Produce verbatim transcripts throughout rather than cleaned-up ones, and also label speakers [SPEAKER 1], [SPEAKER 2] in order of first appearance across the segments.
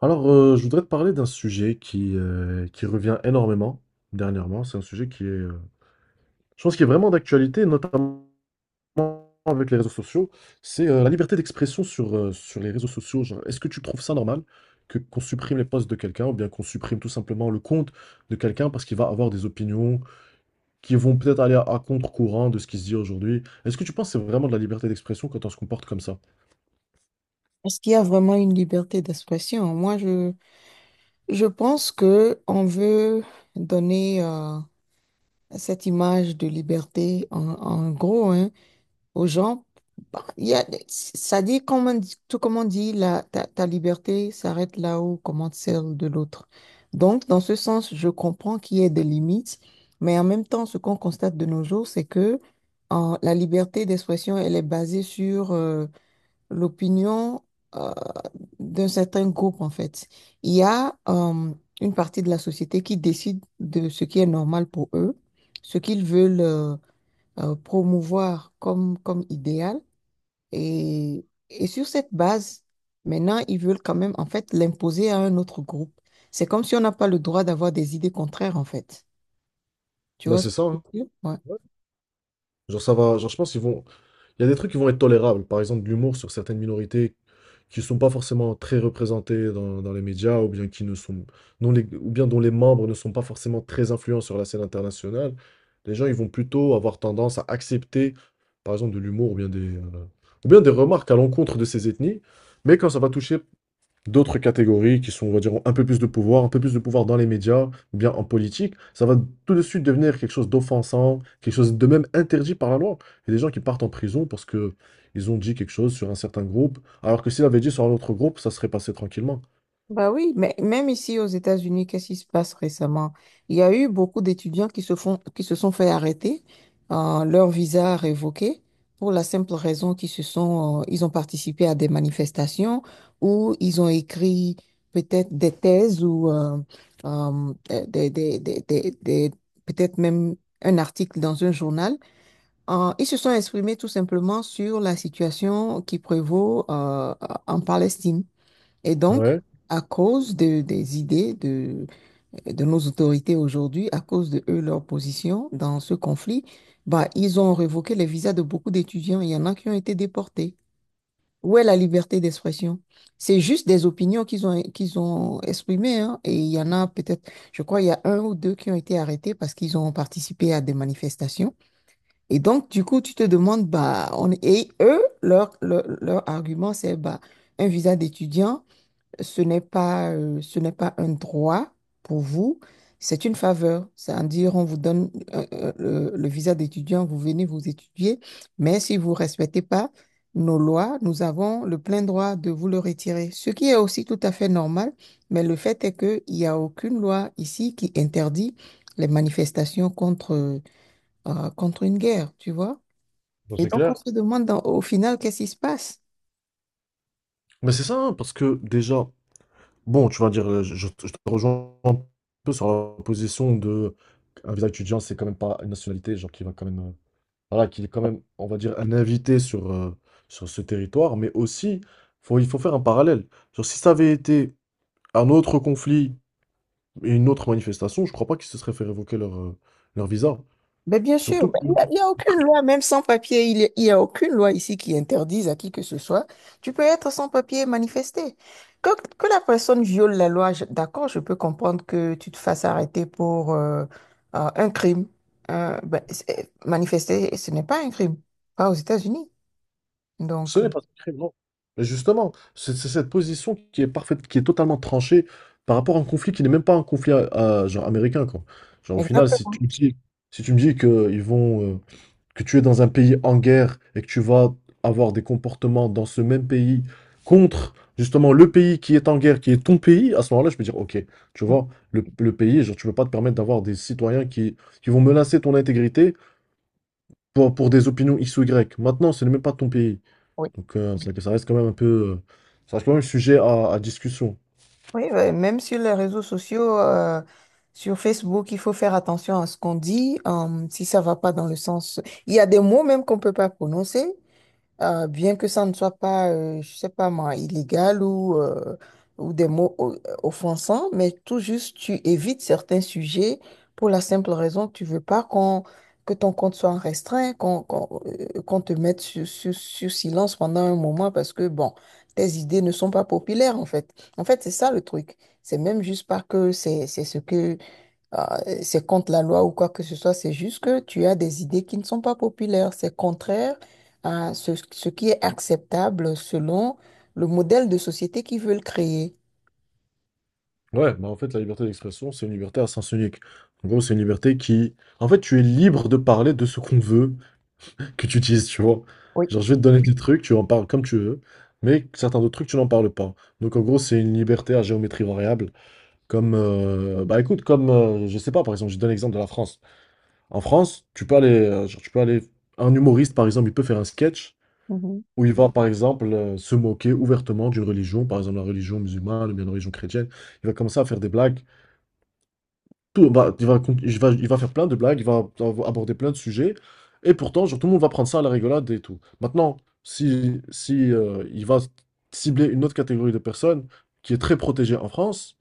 [SPEAKER 1] Alors, euh, je voudrais te parler d'un sujet qui, euh, qui revient énormément dernièrement. C'est un sujet qui est, euh, je pense, qui est vraiment d'actualité, notamment avec les réseaux sociaux. C'est euh, la liberté d'expression sur, euh, sur les réseaux sociaux. Genre, est-ce que tu trouves ça normal que qu'on supprime les posts de quelqu'un ou bien qu'on supprime tout simplement le compte de quelqu'un parce qu'il va avoir des opinions qui vont peut-être aller à, à contre-courant de ce qui se dit aujourd'hui? Est-ce que tu penses que c'est vraiment de la liberté d'expression quand on se comporte comme ça?
[SPEAKER 2] Est-ce qu'il y a vraiment une liberté d'expression? Moi, je, je pense que on veut donner euh, cette image de liberté en, en gros hein, aux gens. Bah, il y a, ça dit, comme on dit- tout comme on dit, la, ta, ta liberté s'arrête là où commence celle de l'autre. Donc, dans ce sens, je comprends qu'il y ait des limites, mais en même temps, ce qu'on constate de nos jours, c'est que euh, la liberté d'expression, elle est basée sur euh, l'opinion. euh, D'un certain groupe, en fait. Il y a euh, une partie de la société qui décide de ce qui est normal pour eux, ce qu'ils veulent euh, euh, promouvoir comme, comme idéal. Et, et sur cette base, maintenant, ils veulent quand même, en fait, l'imposer à un autre groupe. C'est comme si on n'a pas le droit d'avoir des idées contraires, en fait. Tu
[SPEAKER 1] Bah,
[SPEAKER 2] vois ce
[SPEAKER 1] c'est
[SPEAKER 2] que
[SPEAKER 1] ça, hein.
[SPEAKER 2] je veux dire? Ouais.
[SPEAKER 1] Genre, ça va, genre, je pense qu'ils vont, Il y a des trucs qui vont être tolérables, par exemple de l'humour sur certaines minorités qui ne sont pas forcément très représentées dans, dans les médias, ou bien qui ne sont, dont les, ou bien dont les membres ne sont pas forcément très influents sur la scène internationale. Les gens, ils vont plutôt avoir tendance à accepter, par exemple, de l'humour ou bien des, euh, ou bien des remarques à l'encontre de ces ethnies. Mais quand ça va toucher d'autres catégories qui sont, on va dire, ont un peu plus de pouvoir, un peu plus de pouvoir dans les médias ou bien en politique, ça va tout de suite devenir quelque chose d'offensant, quelque chose de même interdit par la loi. Il y a des gens qui partent en prison parce que ils ont dit quelque chose sur un certain groupe, alors que s'ils avaient dit sur un autre groupe, ça serait passé tranquillement.
[SPEAKER 2] Mais même ici aux États-Unis, qu'est-ce qui se passe récemment? Il y a eu beaucoup d'étudiants qui se font, qui se sont fait arrêter, euh, leur visa révoqué, pour la simple raison qu'ils se sont, euh, ils ont participé à des manifestations ou ils ont écrit peut-être des thèses ou euh, euh, des, des, des, des, des- peut-être même un article dans un journal. Euh, ils se sont exprimés tout simplement sur la situation qui prévaut euh, en Palestine. Et donc,
[SPEAKER 1] Ouais,
[SPEAKER 2] à cause de- des idées de, de nos autorités aujourd'hui, à cause de eux, leur position dans ce conflit, bah, ils ont révoqué les visas de beaucoup d'étudiants. Il y en a qui ont été déportés. Où est la liberté d'expression? C'est juste des opinions qu'ils ont, qu'ils ont exprimées, hein. Et il y en a peut-être, je crois, il y a un ou deux qui ont été arrêtés parce qu'ils ont participé à des manifestations. Et donc, du coup, tu te demandes, bah, on, et eux, leur, leur, leur argument, c'est, bah, un visa d'étudiant ce n'est pas, euh, ce n'est pas un droit pour vous, c'est une faveur. C'est-à-dire, on vous donne euh, euh, le, le visa d'étudiant, vous venez vous étudier, mais si vous ne respectez pas nos lois, nous avons le plein droit de vous le retirer, ce qui est aussi tout à fait normal, mais le fait est qu'il n'y a aucune loi ici qui interdit les manifestations contre, euh, contre une guerre, tu vois.
[SPEAKER 1] bon,
[SPEAKER 2] Et
[SPEAKER 1] c'est
[SPEAKER 2] donc, on
[SPEAKER 1] clair.
[SPEAKER 2] se demande dans- au final qu'est-ce qui se passe.
[SPEAKER 1] Mais c'est ça, hein, parce que déjà, bon, tu vas dire, euh, je, je te je te rejoins un peu sur la position de un visa étudiant, c'est quand même pas une nationalité, genre qui va quand même euh, voilà, qu'il est quand même, on va dire, un invité sur, euh, sur ce territoire, mais aussi, faut, il faut faire un parallèle. Genre, si ça avait été un autre conflit et une autre manifestation, je crois pas qu'ils se seraient fait révoquer leur, euh, leur visa.
[SPEAKER 2] Mais bien sûr,
[SPEAKER 1] Surtout
[SPEAKER 2] mais
[SPEAKER 1] que
[SPEAKER 2] il n'y a, il y a aucune loi, même sans papier, il n'y a, il y a aucune loi ici qui interdise à qui que ce soit. Tu peux être sans papier et manifester. Que, que la personne viole la loi, je- d'accord, je peux comprendre que tu te fasses arrêter pour euh, euh, un crime. Euh, ben, c'est- manifester, ce n'est pas un crime, pas aux États-Unis.
[SPEAKER 1] ce
[SPEAKER 2] Donc, euh,
[SPEAKER 1] n'est pas un crime, non. Et justement, c'est c'est cette position qui est parfaite, qui est totalement tranchée par rapport à un conflit qui n'est même pas un conflit euh, genre américain, quoi. Genre, au final, si
[SPEAKER 2] exactement.
[SPEAKER 1] tu me dis, si tu me dis qu'ils vont, euh, que tu es dans un pays en guerre et que tu vas avoir des comportements dans ce même pays contre justement le pays qui est en guerre, qui est ton pays, à ce moment-là, je peux dire, ok, tu vois, le, le pays, genre, tu ne peux pas te permettre d'avoir des citoyens qui, qui vont menacer ton intégrité pour, pour des opinions X ou Y. Maintenant, ce n'est même pas ton pays.
[SPEAKER 2] Oui.
[SPEAKER 1] Donc, euh, c'est que ça reste quand même un peu, euh, ça reste quand même sujet à, à discussion.
[SPEAKER 2] Oui, ouais, même sur les réseaux sociaux, euh, sur Facebook, il faut faire attention à ce qu'on dit, euh, si ça va pas dans le sens. Il y a des mots même qu'on peut pas prononcer. Euh, bien que ça ne soit pas, euh, je sais pas moi, illégal ou, euh, ou des mots o- offensants, mais tout juste tu évites certains sujets pour la simple raison que tu veux pas qu'on, que ton compte soit restreint, qu'on qu'on, euh, qu'on te mette sur, sur, sur silence pendant un moment parce que, bon, tes idées ne sont pas populaires en fait. En fait, c'est ça le truc. C'est même juste pas que c'est c'est ce que ah, euh, c'est contre la loi ou quoi que ce soit, c'est juste que tu as des idées qui ne sont pas populaires. C'est contraire à ce, ce qui est acceptable selon le modèle de société qu'ils veulent créer.
[SPEAKER 1] Ouais, bah en fait, la liberté d'expression, c'est une liberté à sens unique. En gros, c'est une liberté qui, en fait, tu es libre de parler de ce qu'on veut que tu utilises, tu vois.
[SPEAKER 2] Oui.
[SPEAKER 1] Genre, je vais te donner des trucs, tu en parles comme tu veux, mais certains autres trucs, tu n'en parles pas. Donc, en gros, c'est une liberté à géométrie variable. Comme, euh, bah écoute, comme, euh, je sais pas, par exemple, je te donne l'exemple de la France. En France, tu peux aller, euh, genre, tu peux aller, un humoriste, par exemple, il peut faire un sketch
[SPEAKER 2] Mhm.
[SPEAKER 1] où il va, par exemple, euh, se moquer ouvertement d'une religion, par exemple, la religion musulmane ou bien la religion chrétienne. Il va commencer à faire des blagues tout, bah, il va, con- il va, il va faire plein de blagues, il va av- aborder plein de sujets, et pourtant, genre, tout le monde va prendre ça à la rigolade et tout. Maintenant, si, si euh, il va cibler une autre catégorie de personnes qui est très protégée en France,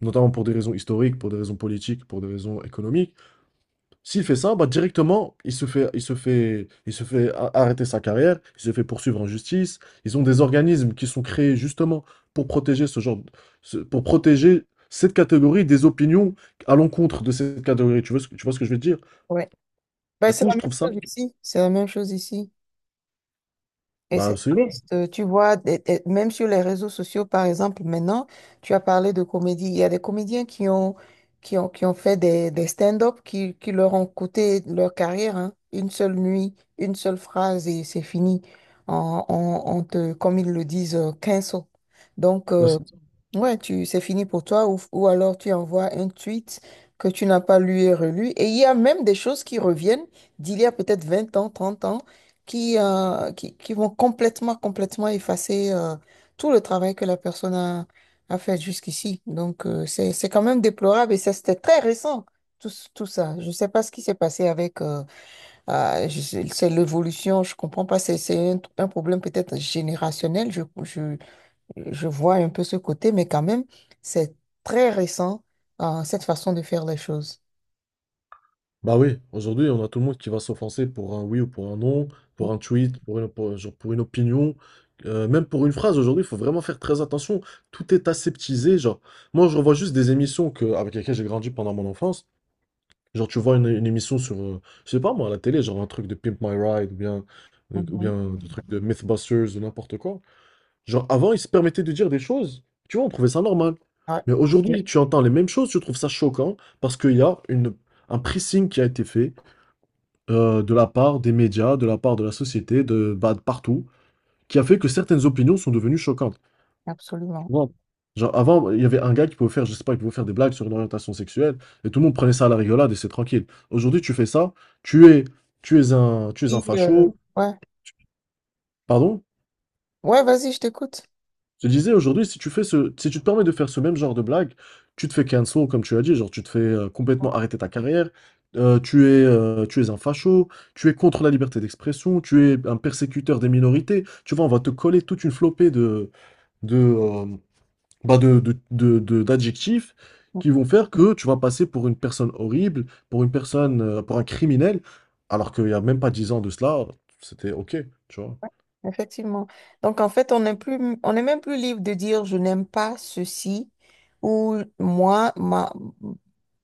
[SPEAKER 1] notamment pour des raisons historiques, pour des raisons politiques, pour des raisons économiques, s'il fait ça, bah directement, il se fait, il se fait, il se fait a- arrêter sa carrière, il se fait poursuivre en justice. Ils ont des organismes qui sont créés justement pour protéger ce genre, de- ce- pour protéger cette catégorie des opinions à l'encontre de cette catégorie. Tu vois ce, que- tu vois ce que je veux dire?
[SPEAKER 2] Ouais. Ben,
[SPEAKER 1] Du
[SPEAKER 2] c'est
[SPEAKER 1] coup,
[SPEAKER 2] la
[SPEAKER 1] je
[SPEAKER 2] même
[SPEAKER 1] trouve ça,
[SPEAKER 2] chose ici. C'est la même chose ici. Et
[SPEAKER 1] bah
[SPEAKER 2] c'est
[SPEAKER 1] absolument.
[SPEAKER 2] triste, euh, tu vois, des- des- même sur les réseaux sociaux, par exemple, maintenant, tu as parlé de comédie. Il y a des comédiens qui ont, qui ont, qui ont fait des, des stand-up qui, qui leur ont coûté leur carrière, hein. Une seule nuit, une seule phrase et c'est fini. On, on- on te, comme ils le disent, euh, cancel. Donc,
[SPEAKER 1] Bah,
[SPEAKER 2] euh,
[SPEAKER 1] c'est-
[SPEAKER 2] ouais, tu, c'est fini pour toi ou, ou alors tu envoies un tweet que tu n'as pas lu et relu. Et il y a même des choses qui reviennent d'il y a peut-être vingt ans, trente ans qui, euh, qui, qui vont complètement, complètement effacer euh, tout le travail que la personne a, a fait jusqu'ici. Donc, euh, c'est, c'est quand même déplorable et ça, c'était très récent, tout, ce- tout ça. Je ne sais pas ce qui s'est passé avec euh, euh, je sais- c'est l'évolution, je ne comprends pas, c'est, c'est un, un problème peut-être générationnel, je, je, je vois un peu ce côté, mais quand même, c'est très récent, euh, cette façon de faire les choses.
[SPEAKER 1] Bah oui, aujourd'hui, on a tout le monde qui va s'offenser pour un oui ou pour un non, pour un tweet, pour une, pour, genre pour une opinion, euh, même pour une phrase. Aujourd'hui, il faut vraiment faire très attention. Tout est aseptisé. Genre, moi, je revois juste des émissions que, avec lesquelles j'ai grandi pendant mon enfance. Genre, tu vois une, une émission sur, euh, je sais pas moi, à la télé, genre un truc de Pimp My Ride ou bien, euh, ou
[SPEAKER 2] Mhm.
[SPEAKER 1] bien des trucs de Mythbusters ou n'importe quoi. Genre, avant, ils se permettaient de dire des choses. Tu vois, on trouvait ça normal.
[SPEAKER 2] Ouais,
[SPEAKER 1] Mais aujourd'hui, tu entends les mêmes choses, tu trouves ça choquant parce qu'il y a une, un pressing qui a été fait euh, de la part des médias, de la part de la société, de, bah, de partout, qui a fait que certaines opinions sont devenues choquantes. Tu
[SPEAKER 2] absolument.
[SPEAKER 1] vois, genre avant, il y avait un gars qui pouvait faire, je sais pas, qui pouvait faire des blagues sur une orientation sexuelle, et tout le monde prenait ça à la rigolade et c'est tranquille. Aujourd'hui, tu fais ça, tu es, tu es un, tu es un
[SPEAKER 2] Et, euh,
[SPEAKER 1] facho,
[SPEAKER 2] ouais,
[SPEAKER 1] tu- pardon?
[SPEAKER 2] ouais, vas-y, je t'écoute.
[SPEAKER 1] Je disais aujourd'hui, si tu fais ce, si tu te permets de faire ce même genre de blague, tu te fais cancel, comme tu as dit, genre tu te fais euh, complètement arrêter ta carrière, euh, tu es, euh, tu es un facho, tu es contre la liberté d'expression, tu es un persécuteur des minorités. Tu vois, on va te coller toute une flopée de, de, euh, bah, de- de- de- de- d'adjectifs qui vont faire que tu vas passer pour une personne horrible, pour une personne, euh, pour un criminel, alors qu'il n'y a même pas dix ans de cela, c'était OK, tu vois.
[SPEAKER 2] Effectivement. Donc, en fait, on n'est plus, on n'est même plus libre de dire je n'aime pas ceci ou moi, ma,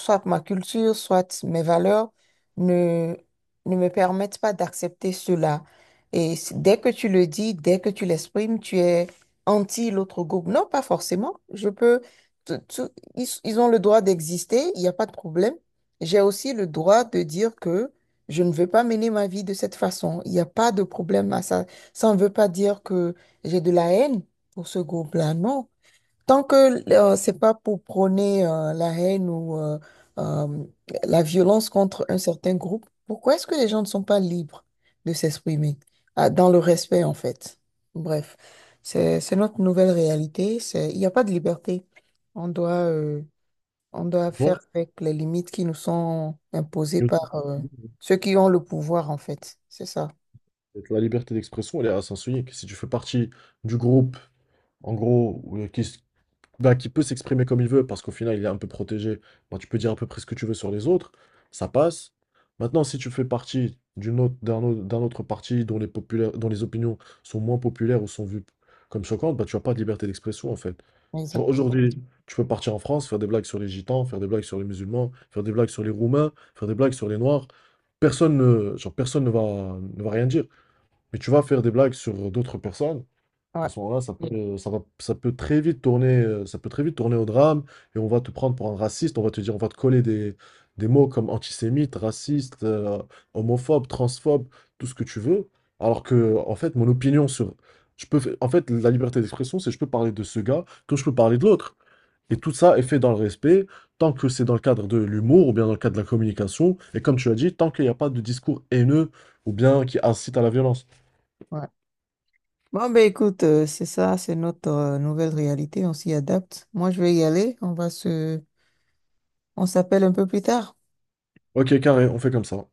[SPEAKER 2] soit ma culture, soit mes valeurs ne, ne me permettent pas d'accepter cela. Et c- dès que tu le dis, dès que tu l'exprimes, tu es anti l'autre groupe. Non, pas forcément. Je peux, tout- tout- ils, ils ont le droit d'exister, il n'y a pas de problème. J'ai aussi le droit de dire que je ne veux pas mener ma vie de cette façon. Il n'y a pas de problème à ça. Ça ne veut pas dire que j'ai de la haine pour ce groupe-là, non. Tant que euh, c'est pas pour prôner euh, la haine ou euh, euh, la violence contre un certain groupe, pourquoi est-ce que les gens ne sont pas libres de s'exprimer? Ah, dans le respect, en fait. Bref, c'est, c'est notre nouvelle réalité. C'est, il n'y a pas de liberté. On doit, euh, on doit
[SPEAKER 1] Ouais.
[SPEAKER 2] faire avec les limites qui nous sont imposées par euh, ceux qui ont le pouvoir, en fait. C'est ça.
[SPEAKER 1] Et la liberté d'expression, elle est à sens unique. Si tu fais partie du groupe, en gros, où- qui, s- bah, qui peut s'exprimer comme il veut, parce qu'au final, il est un peu protégé, bah, tu peux dire à peu près ce que tu veux sur les autres, ça passe. Maintenant, si tu fais partie d'une autre, d'un autre, d'un autre parti dont les populaires, dont les opinions sont moins populaires ou sont vues comme choquantes, bah, tu n'as pas de liberté d'expression, en fait. Genre,
[SPEAKER 2] Exact.
[SPEAKER 1] aujourd'hui, tu peux partir en France, faire des blagues sur les gitans, faire des blagues sur les musulmans, faire des blagues sur les Roumains, faire des blagues sur les Noirs. Personne ne, genre, personne ne va, ne va rien dire mais tu vas faire des blagues sur d'autres personnes,
[SPEAKER 2] Ouais,
[SPEAKER 1] à ce moment-là, ça peut, euh, ça va- ça peut très vite tourner, euh, ça peut très vite tourner au drame, et on va te prendre pour un raciste, on va te dire, on va te coller des, des mots comme antisémite, raciste, euh, homophobe, transphobe, tout ce que tu veux, alors que, en fait, mon opinion sur, je peux, fa- en fait, la liberté d'expression, c'est je peux parler de ce gars comme je peux parler de l'autre. Et tout ça est fait dans le respect, tant que c'est dans le cadre de l'humour ou bien dans le cadre de la communication, et comme tu as dit, tant qu'il n'y a pas de discours haineux ou bien qui incite à la violence.
[SPEAKER 2] ouais. Bon, ben écoute, euh, c'est ça, c'est notre euh, nouvelle réalité, on s'y adapte. Moi, je vais y aller, on va se... On s'appelle un peu plus tard.
[SPEAKER 1] Ok, carré, on fait comme ça.